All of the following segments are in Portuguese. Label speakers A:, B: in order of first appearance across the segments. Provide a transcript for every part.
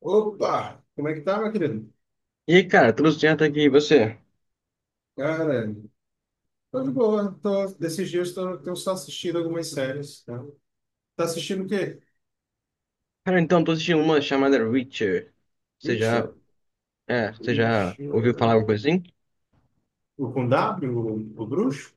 A: Opa! Como é que tá, meu querido?
B: E aí, cara, tudo certo aqui, e você?
A: Cara, tô de boa. Tô, desses dias tô, tenho só assistido algumas séries. Né? Tá assistindo o quê?
B: Cara, então, tô assistindo uma chamada Reacher. Você já,
A: Richard.
B: você já ouviu falar
A: Richard.
B: alguma coisa assim?
A: O com W? O bruxo?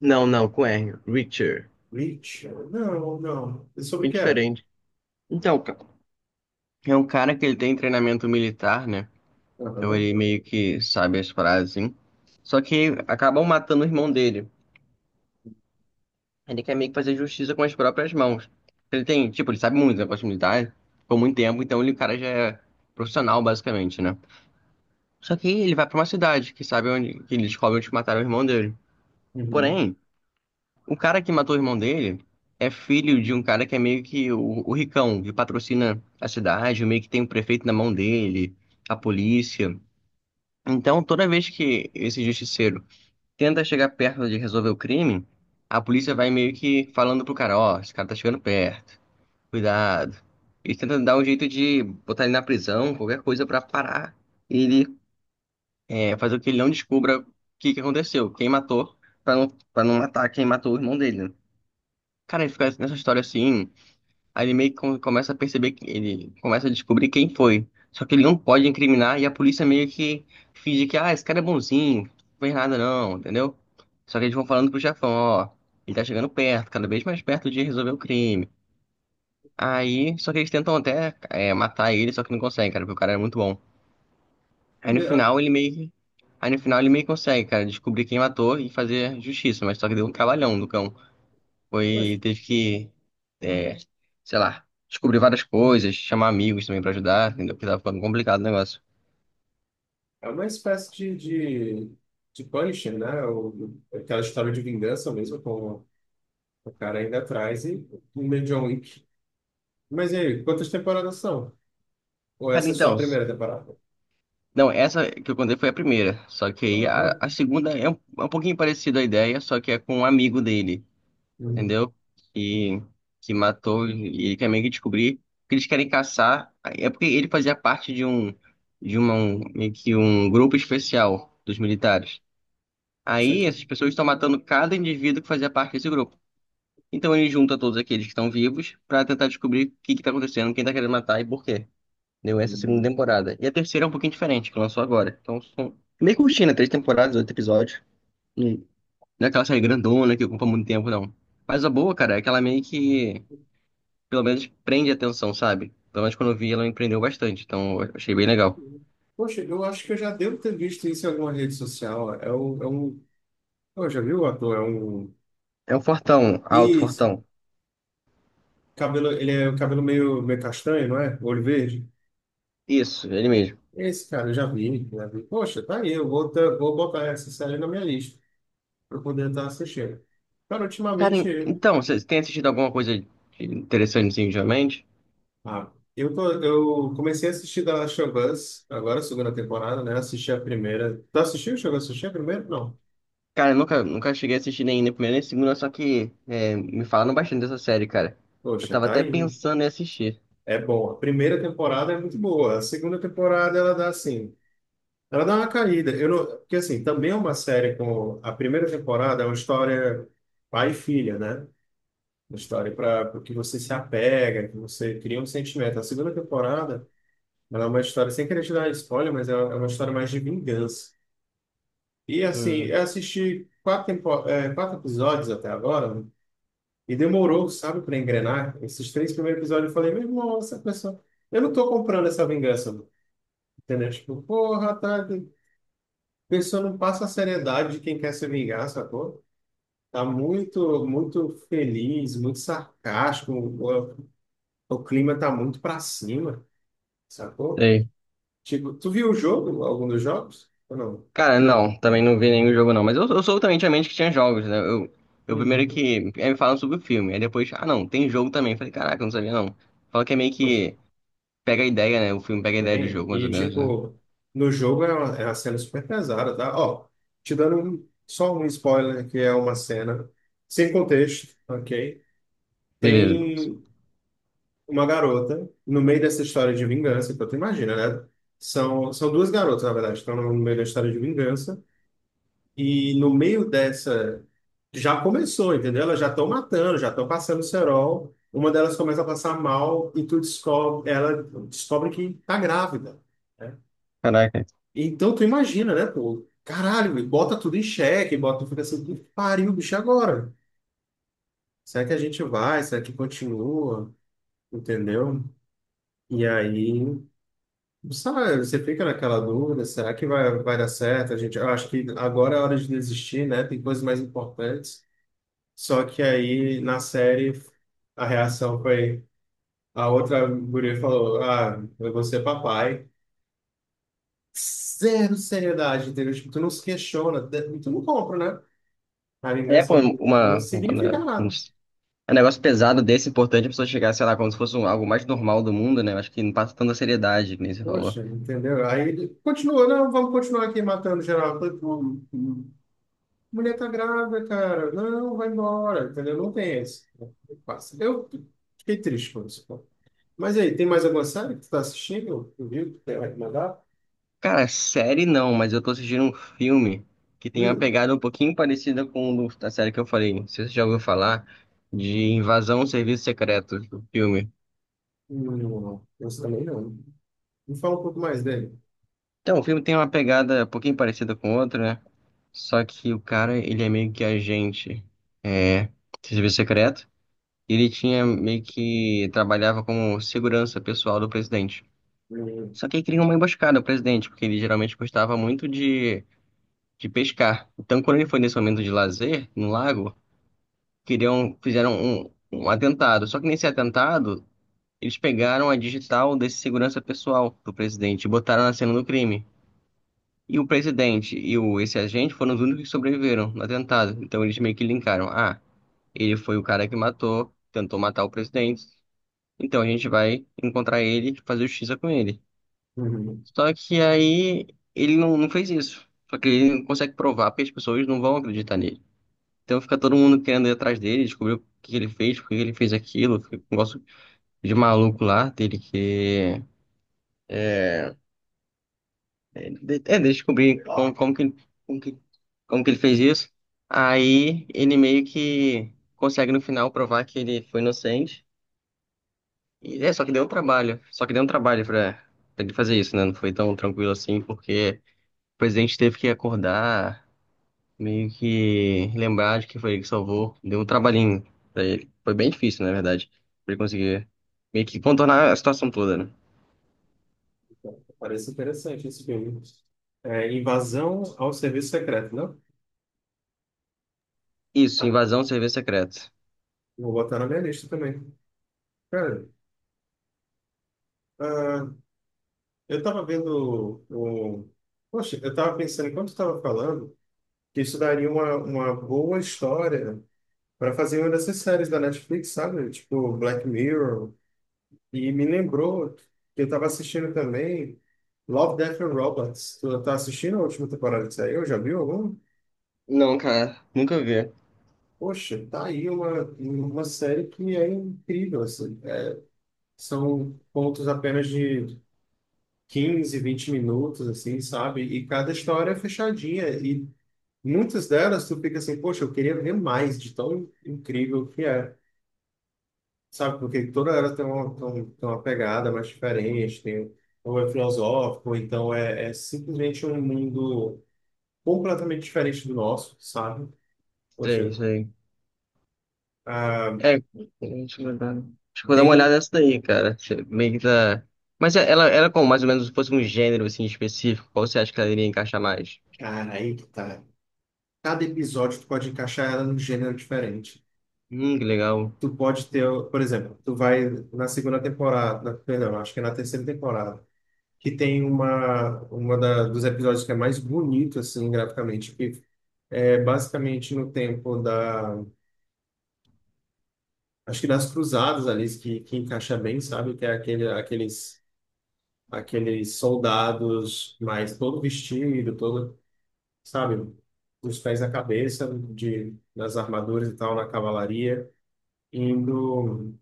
B: Não, não, com R, Reacher.
A: Richard. Não, não. E sobre
B: Que
A: o que é?
B: diferente. Então, é um cara que ele tem treinamento militar, né? Então ele
A: Aham.
B: meio que sabe as frases, assim. Só que acabam matando o irmão dele. Ele quer meio que fazer justiça com as próprias mãos. Tipo, ele sabe muito, né, negócio militar, por muito tempo, então o cara já é profissional, basicamente, né? Só que aí ele vai pra uma cidade que sabe onde que ele descobre onde mataram o irmão dele.
A: Uhum.
B: Porém, o cara que matou o irmão dele é filho de um cara que é meio que o ricão, que patrocina a cidade, meio que tem o prefeito na mão dele, a polícia. Então, toda vez que esse justiceiro tenta chegar perto de resolver o crime, a polícia vai meio que falando pro cara, ó, esse cara tá chegando perto, cuidado. Ele tenta dar um jeito de botar ele na prisão, qualquer coisa pra parar ele, fazer com que ele não descubra o que que aconteceu, quem matou, pra não matar quem matou o irmão dele, né? Cara, ele fica nessa história assim, aí ele meio que começa a perceber que ele começa a descobrir quem foi. Só que ele não pode incriminar e a polícia meio que finge que, ah, esse cara é bonzinho, não fez nada não, entendeu? Só que eles vão falando pro chefão, ó, ele tá chegando perto, cada vez mais perto de resolver o crime. Aí, só que eles tentam até matar ele, só que não conseguem, cara, porque o cara é muito bom. Aí no
A: É,
B: final ele meio que. Aí no final ele meio que consegue, cara, descobrir quem matou e fazer justiça, mas só que deu um trabalhão do cão.
A: poxa,
B: Foi, teve que, é, sei lá, descobrir várias coisas, chamar amigos também pra ajudar, entendeu? Porque tava ficando complicado o negócio.
A: é uma espécie de, de Punisher, né? O, aquela história de vingança mesmo, com o cara ainda atrás e o meio John Wick. Mas e aí, quantas temporadas são? Ou
B: Cara,
A: essa é só a
B: então,
A: primeira temporada?
B: não, essa que eu contei foi a primeira, só que aí
A: Ah.
B: a segunda é um pouquinho parecida a ideia, só que é com um amigo dele.
A: Uhum.
B: Entendeu? Que, que matou e ele quer meio que descobrir que eles querem caçar. É porque ele fazia parte de um de uma, um, meio que um grupo especial dos militares.
A: Isso
B: Aí
A: aqui.
B: essas pessoas estão matando cada indivíduo que fazia parte desse grupo. Então ele junta todos aqueles que estão vivos para tentar descobrir o que que tá acontecendo, quem tá querendo matar e por quê. Deu, essa é segunda
A: Uhum.
B: temporada. E a terceira é um pouquinho diferente, que lançou agora. Então são meio curtinha, né? Três temporadas, oito episódios. Não é aquela série grandona que ocupa muito tempo, não. Mas a boa, cara, é que ela meio que pelo menos prende atenção, sabe? Pelo menos quando eu vi, ela me prendeu bastante, então eu achei bem legal.
A: Poxa, eu acho que eu já devo ter visto isso em alguma rede social. É um... Oh, já viu o ator? É um...
B: É um fortão, alto
A: Isso.
B: fortão.
A: Cabelo, ele é o cabelo meio, meio castanho, não é? Olho verde.
B: Isso, ele mesmo.
A: Esse cara, eu já vi, já vi. Poxa, tá aí. Eu vou, vou botar essa série na minha lista para poder estar assistindo. Cara,
B: Cara,
A: ultimamente...
B: então, você tem assistido alguma coisa interessante assim, ultimamente?
A: Ah, eu, tô, eu comecei a assistir The Last of Us, agora a segunda temporada, né? Assisti a primeira. Tu assistiu? Chegou a assistir a primeira? Não.
B: Cara, eu nunca cheguei a assistir nem primeira nem na segunda, só que me falaram bastante dessa série, cara. Eu
A: Poxa,
B: tava
A: tá
B: até
A: aí.
B: pensando em assistir.
A: É bom. A primeira temporada é muito boa. A segunda temporada ela dá assim, ela dá uma caída. Eu não, porque assim, também é uma série com a primeira temporada é uma história pai e filha, né? Uma história para que você se apega, que você cria um sentimento. A segunda temporada ela é uma história sem querer te dar spoiler, mas é uma história mais de vingança. E assim,
B: Hum,
A: eu assisti quatro episódios até agora né? E demorou, sabe, para engrenar. Esses três primeiros episódios eu falei, meu irmão, essa pessoa eu não estou comprando essa vingança. Entendeu? Tipo, porra, tá. A pessoa não passa a seriedade de quem quer se vingar, sacou? Tá muito, muito feliz, muito sarcástico. O clima tá muito pra cima, sacou?
B: sei.
A: Tipo, tu viu o jogo, algum dos jogos? Ou não?
B: Cara, não, também não vi nenhum jogo não, mas eu sou também tinha mente que tinha jogos, né? Eu primeiro
A: Uhum.
B: que, aí me falam sobre o filme, aí depois, ah não, tem jogo também. Falei, caraca, eu não sabia não. Fala que é meio
A: Pois,
B: que pega a ideia, né? O filme pega a ideia do
A: tem.
B: jogo, mais ou
A: E,
B: menos, né?
A: tipo, no jogo é uma cena super pesada, tá? Ó, te dando só um spoiler, que é uma cena sem contexto, ok?
B: Beleza.
A: Tem uma garota no meio dessa história de vingança. Então, tu imagina, né? São duas garotas, na verdade, que estão no meio da história de vingança. E no meio dessa. Já começou, entendeu? Elas já estão matando, já estão passando cerol. Uma delas começa a passar mal e tu descobre, ela descobre que tá grávida. Né?
B: Caraca.
A: Então tu imagina, né, pô? Caralho, e bota tudo em xeque, bota, fica assim, que pariu, bicho, e agora? Será que a gente vai? Será que continua? Entendeu? E aí. Sabe, você fica naquela dúvida, será que vai dar certo? A gente, eu acho que agora é hora de desistir, né? Tem coisas mais importantes. Só que aí, na série, a reação foi... A outra guria falou, ah, eu vou ser papai. Zero seriedade, entendeu? Tipo, tu não se questiona, tu não compra, né? A
B: É,
A: vingança
B: pô,
A: não
B: né,
A: significa nada.
B: um negócio pesado desse, importante a pessoa chegar, sei lá, como se fosse algo mais normal do mundo, né? Eu acho que não passa tanta seriedade, que nem você falou.
A: Poxa, entendeu? Aí, ele continuou, não, vamos continuar aqui matando geral. Eu falei, pô, mulher tá grávida, cara. Não, vai embora, entendeu? Não tem esse. Passa. Eu fiquei triste com isso, pô. Mas aí, tem mais alguma série que tu tá assistindo? Tu viu que tem vai te mandar?
B: Cara, série não, mas eu tô assistindo um filme que tem uma
A: Hum,
B: pegada um pouquinho parecida com da série que eu falei. Não sei se você já ouviu falar de Invasão ao Serviço Secreto, o filme.
A: não, não. Esse também não. Me fala um pouco mais dele.
B: Então, o filme tem uma pegada um pouquinho parecida com outra, né? Só que o cara, ele é meio que agente, é, de serviço secreto. E ele tinha meio que trabalhava como segurança pessoal do presidente.
A: Hum,
B: Só que aí criou uma emboscada ao presidente, porque ele geralmente gostava muito de, pescar. Então, quando ele foi nesse momento de lazer, no lago, queriam, fizeram um atentado. Só que nesse atentado, eles pegaram a digital desse segurança pessoal do presidente e botaram na cena do crime. E o presidente e esse agente foram os únicos que sobreviveram no atentado. Então eles meio que linkaram. Ah, ele foi o cara que matou, tentou matar o presidente. Então a gente vai encontrar ele e fazer justiça com ele.
A: hum. Hum.
B: Só que aí ele não fez isso. Só que ele não consegue provar porque as pessoas não vão acreditar nele. Então fica todo mundo querendo ir atrás dele, descobrir o que que ele fez, por que ele fez aquilo. Fica um negócio de maluco lá dele que. É, é descobrir como que, como que ele fez isso. Aí ele meio que consegue no final provar que ele foi inocente. E, só que deu um trabalho. Só que deu um trabalho pra ele fazer isso, né? Não foi tão tranquilo assim, porque o presidente teve que acordar, meio que lembrar de que foi ele que salvou. Deu um trabalhinho pra ele. Foi bem difícil, na verdade, pra ele conseguir meio que contornar a situação toda, né?
A: Parece interessante esse filme. É, invasão ao serviço secreto, não?
B: Isso, Invasão de Serviço Secreto.
A: Vou botar na minha lista também. Cara, ah, eu tava vendo o... Poxa, eu tava pensando, enquanto eu tava falando, que isso daria uma boa história para fazer uma dessas séries da Netflix, sabe? Tipo Black Mirror. E me lembrou que eu estava assistindo também Love, Death and Robots. Tu tá assistindo a última temporada que saiu? Já viu algum?
B: Não, cara, nunca vi.
A: Poxa, tá aí uma série que é incrível, assim. São pontos apenas de 15, 20 minutos, assim, sabe? E cada história é fechadinha. E muitas delas tu fica assim, poxa, eu queria ver mais de tão incrível que é. Sabe, porque toda era tem uma, tem um- tem uma pegada mais diferente, tem, ou é filosófico, ou então é simplesmente um mundo completamente diferente do nosso, sabe?
B: Sei,
A: Poxa,
B: sei.
A: ah,
B: É, deixa eu dar uma olhada
A: tem.
B: nessa daí, cara. Você meio que tá. Mas ela é como mais ou menos se fosse um gênero assim específico, qual você acha que ela iria encaixar mais?
A: Cara, aí que tá. Cada episódio tu pode encaixar ela num gênero diferente.
B: Que legal.
A: Tu pode ter, por exemplo, tu vai na segunda temporada, perdão, acho que é na terceira temporada, que tem uma da, dos episódios que é mais bonito, assim, graficamente, que é basicamente no tempo da. Acho que nas cruzadas ali que encaixa bem, sabe? Que é aqueles soldados mais todo vestido, todo, sabe? Os pés na cabeça, nas armaduras e tal, na cavalaria, indo.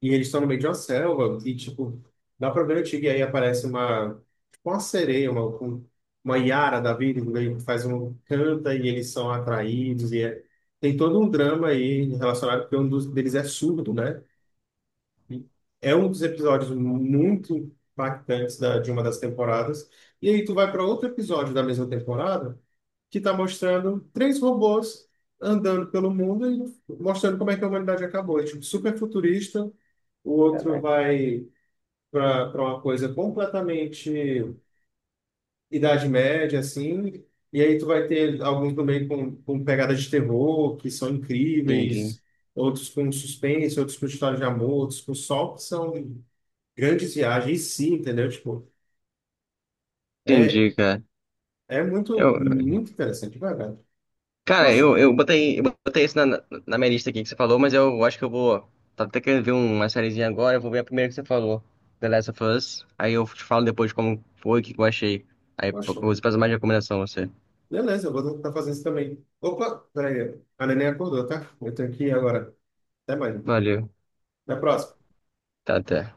A: E eles estão no meio de uma selva, e tipo, dá pra ver o tigre, e aí aparece uma, tipo uma sereia, uma, uma Yara da vida, e aí faz um canta e eles são atraídos, tem todo um drama aí relacionado, porque um dos deles é surdo, né? É um dos episódios muito impactantes de uma das temporadas. E aí tu vai para outro episódio da mesma temporada que está mostrando três robôs andando pelo mundo e mostrando como é que a humanidade acabou. É, tipo, super futurista. O outro
B: Caraca.
A: vai para uma coisa completamente Idade Média, assim. E aí tu vai ter alguns também com pegadas de terror que são
B: Entendi.
A: incríveis. Outros com suspense, outros com história de amor, outros com sol, que são grandes viagens, sim, entendeu? Tipo, é,
B: Entendi, cara.
A: é muito,
B: Eu,
A: muito interessante, de verdade.
B: cara,
A: Poxa,
B: eu botei isso na minha lista aqui que você falou, mas eu acho que eu vou. Tava até querendo ver uma sériezinha agora, eu vou ver a primeira que você falou, The Last of Us. Aí eu te falo depois como foi, o que que eu achei. Aí eu
A: poxa,
B: vou fazer mais recomendação a você.
A: beleza, eu vou tentar fazer isso também. Opa, peraí, a neném acordou, tá? Eu tenho que ir agora. Até mais.
B: Valeu.
A: Até a próxima.
B: Tá, até.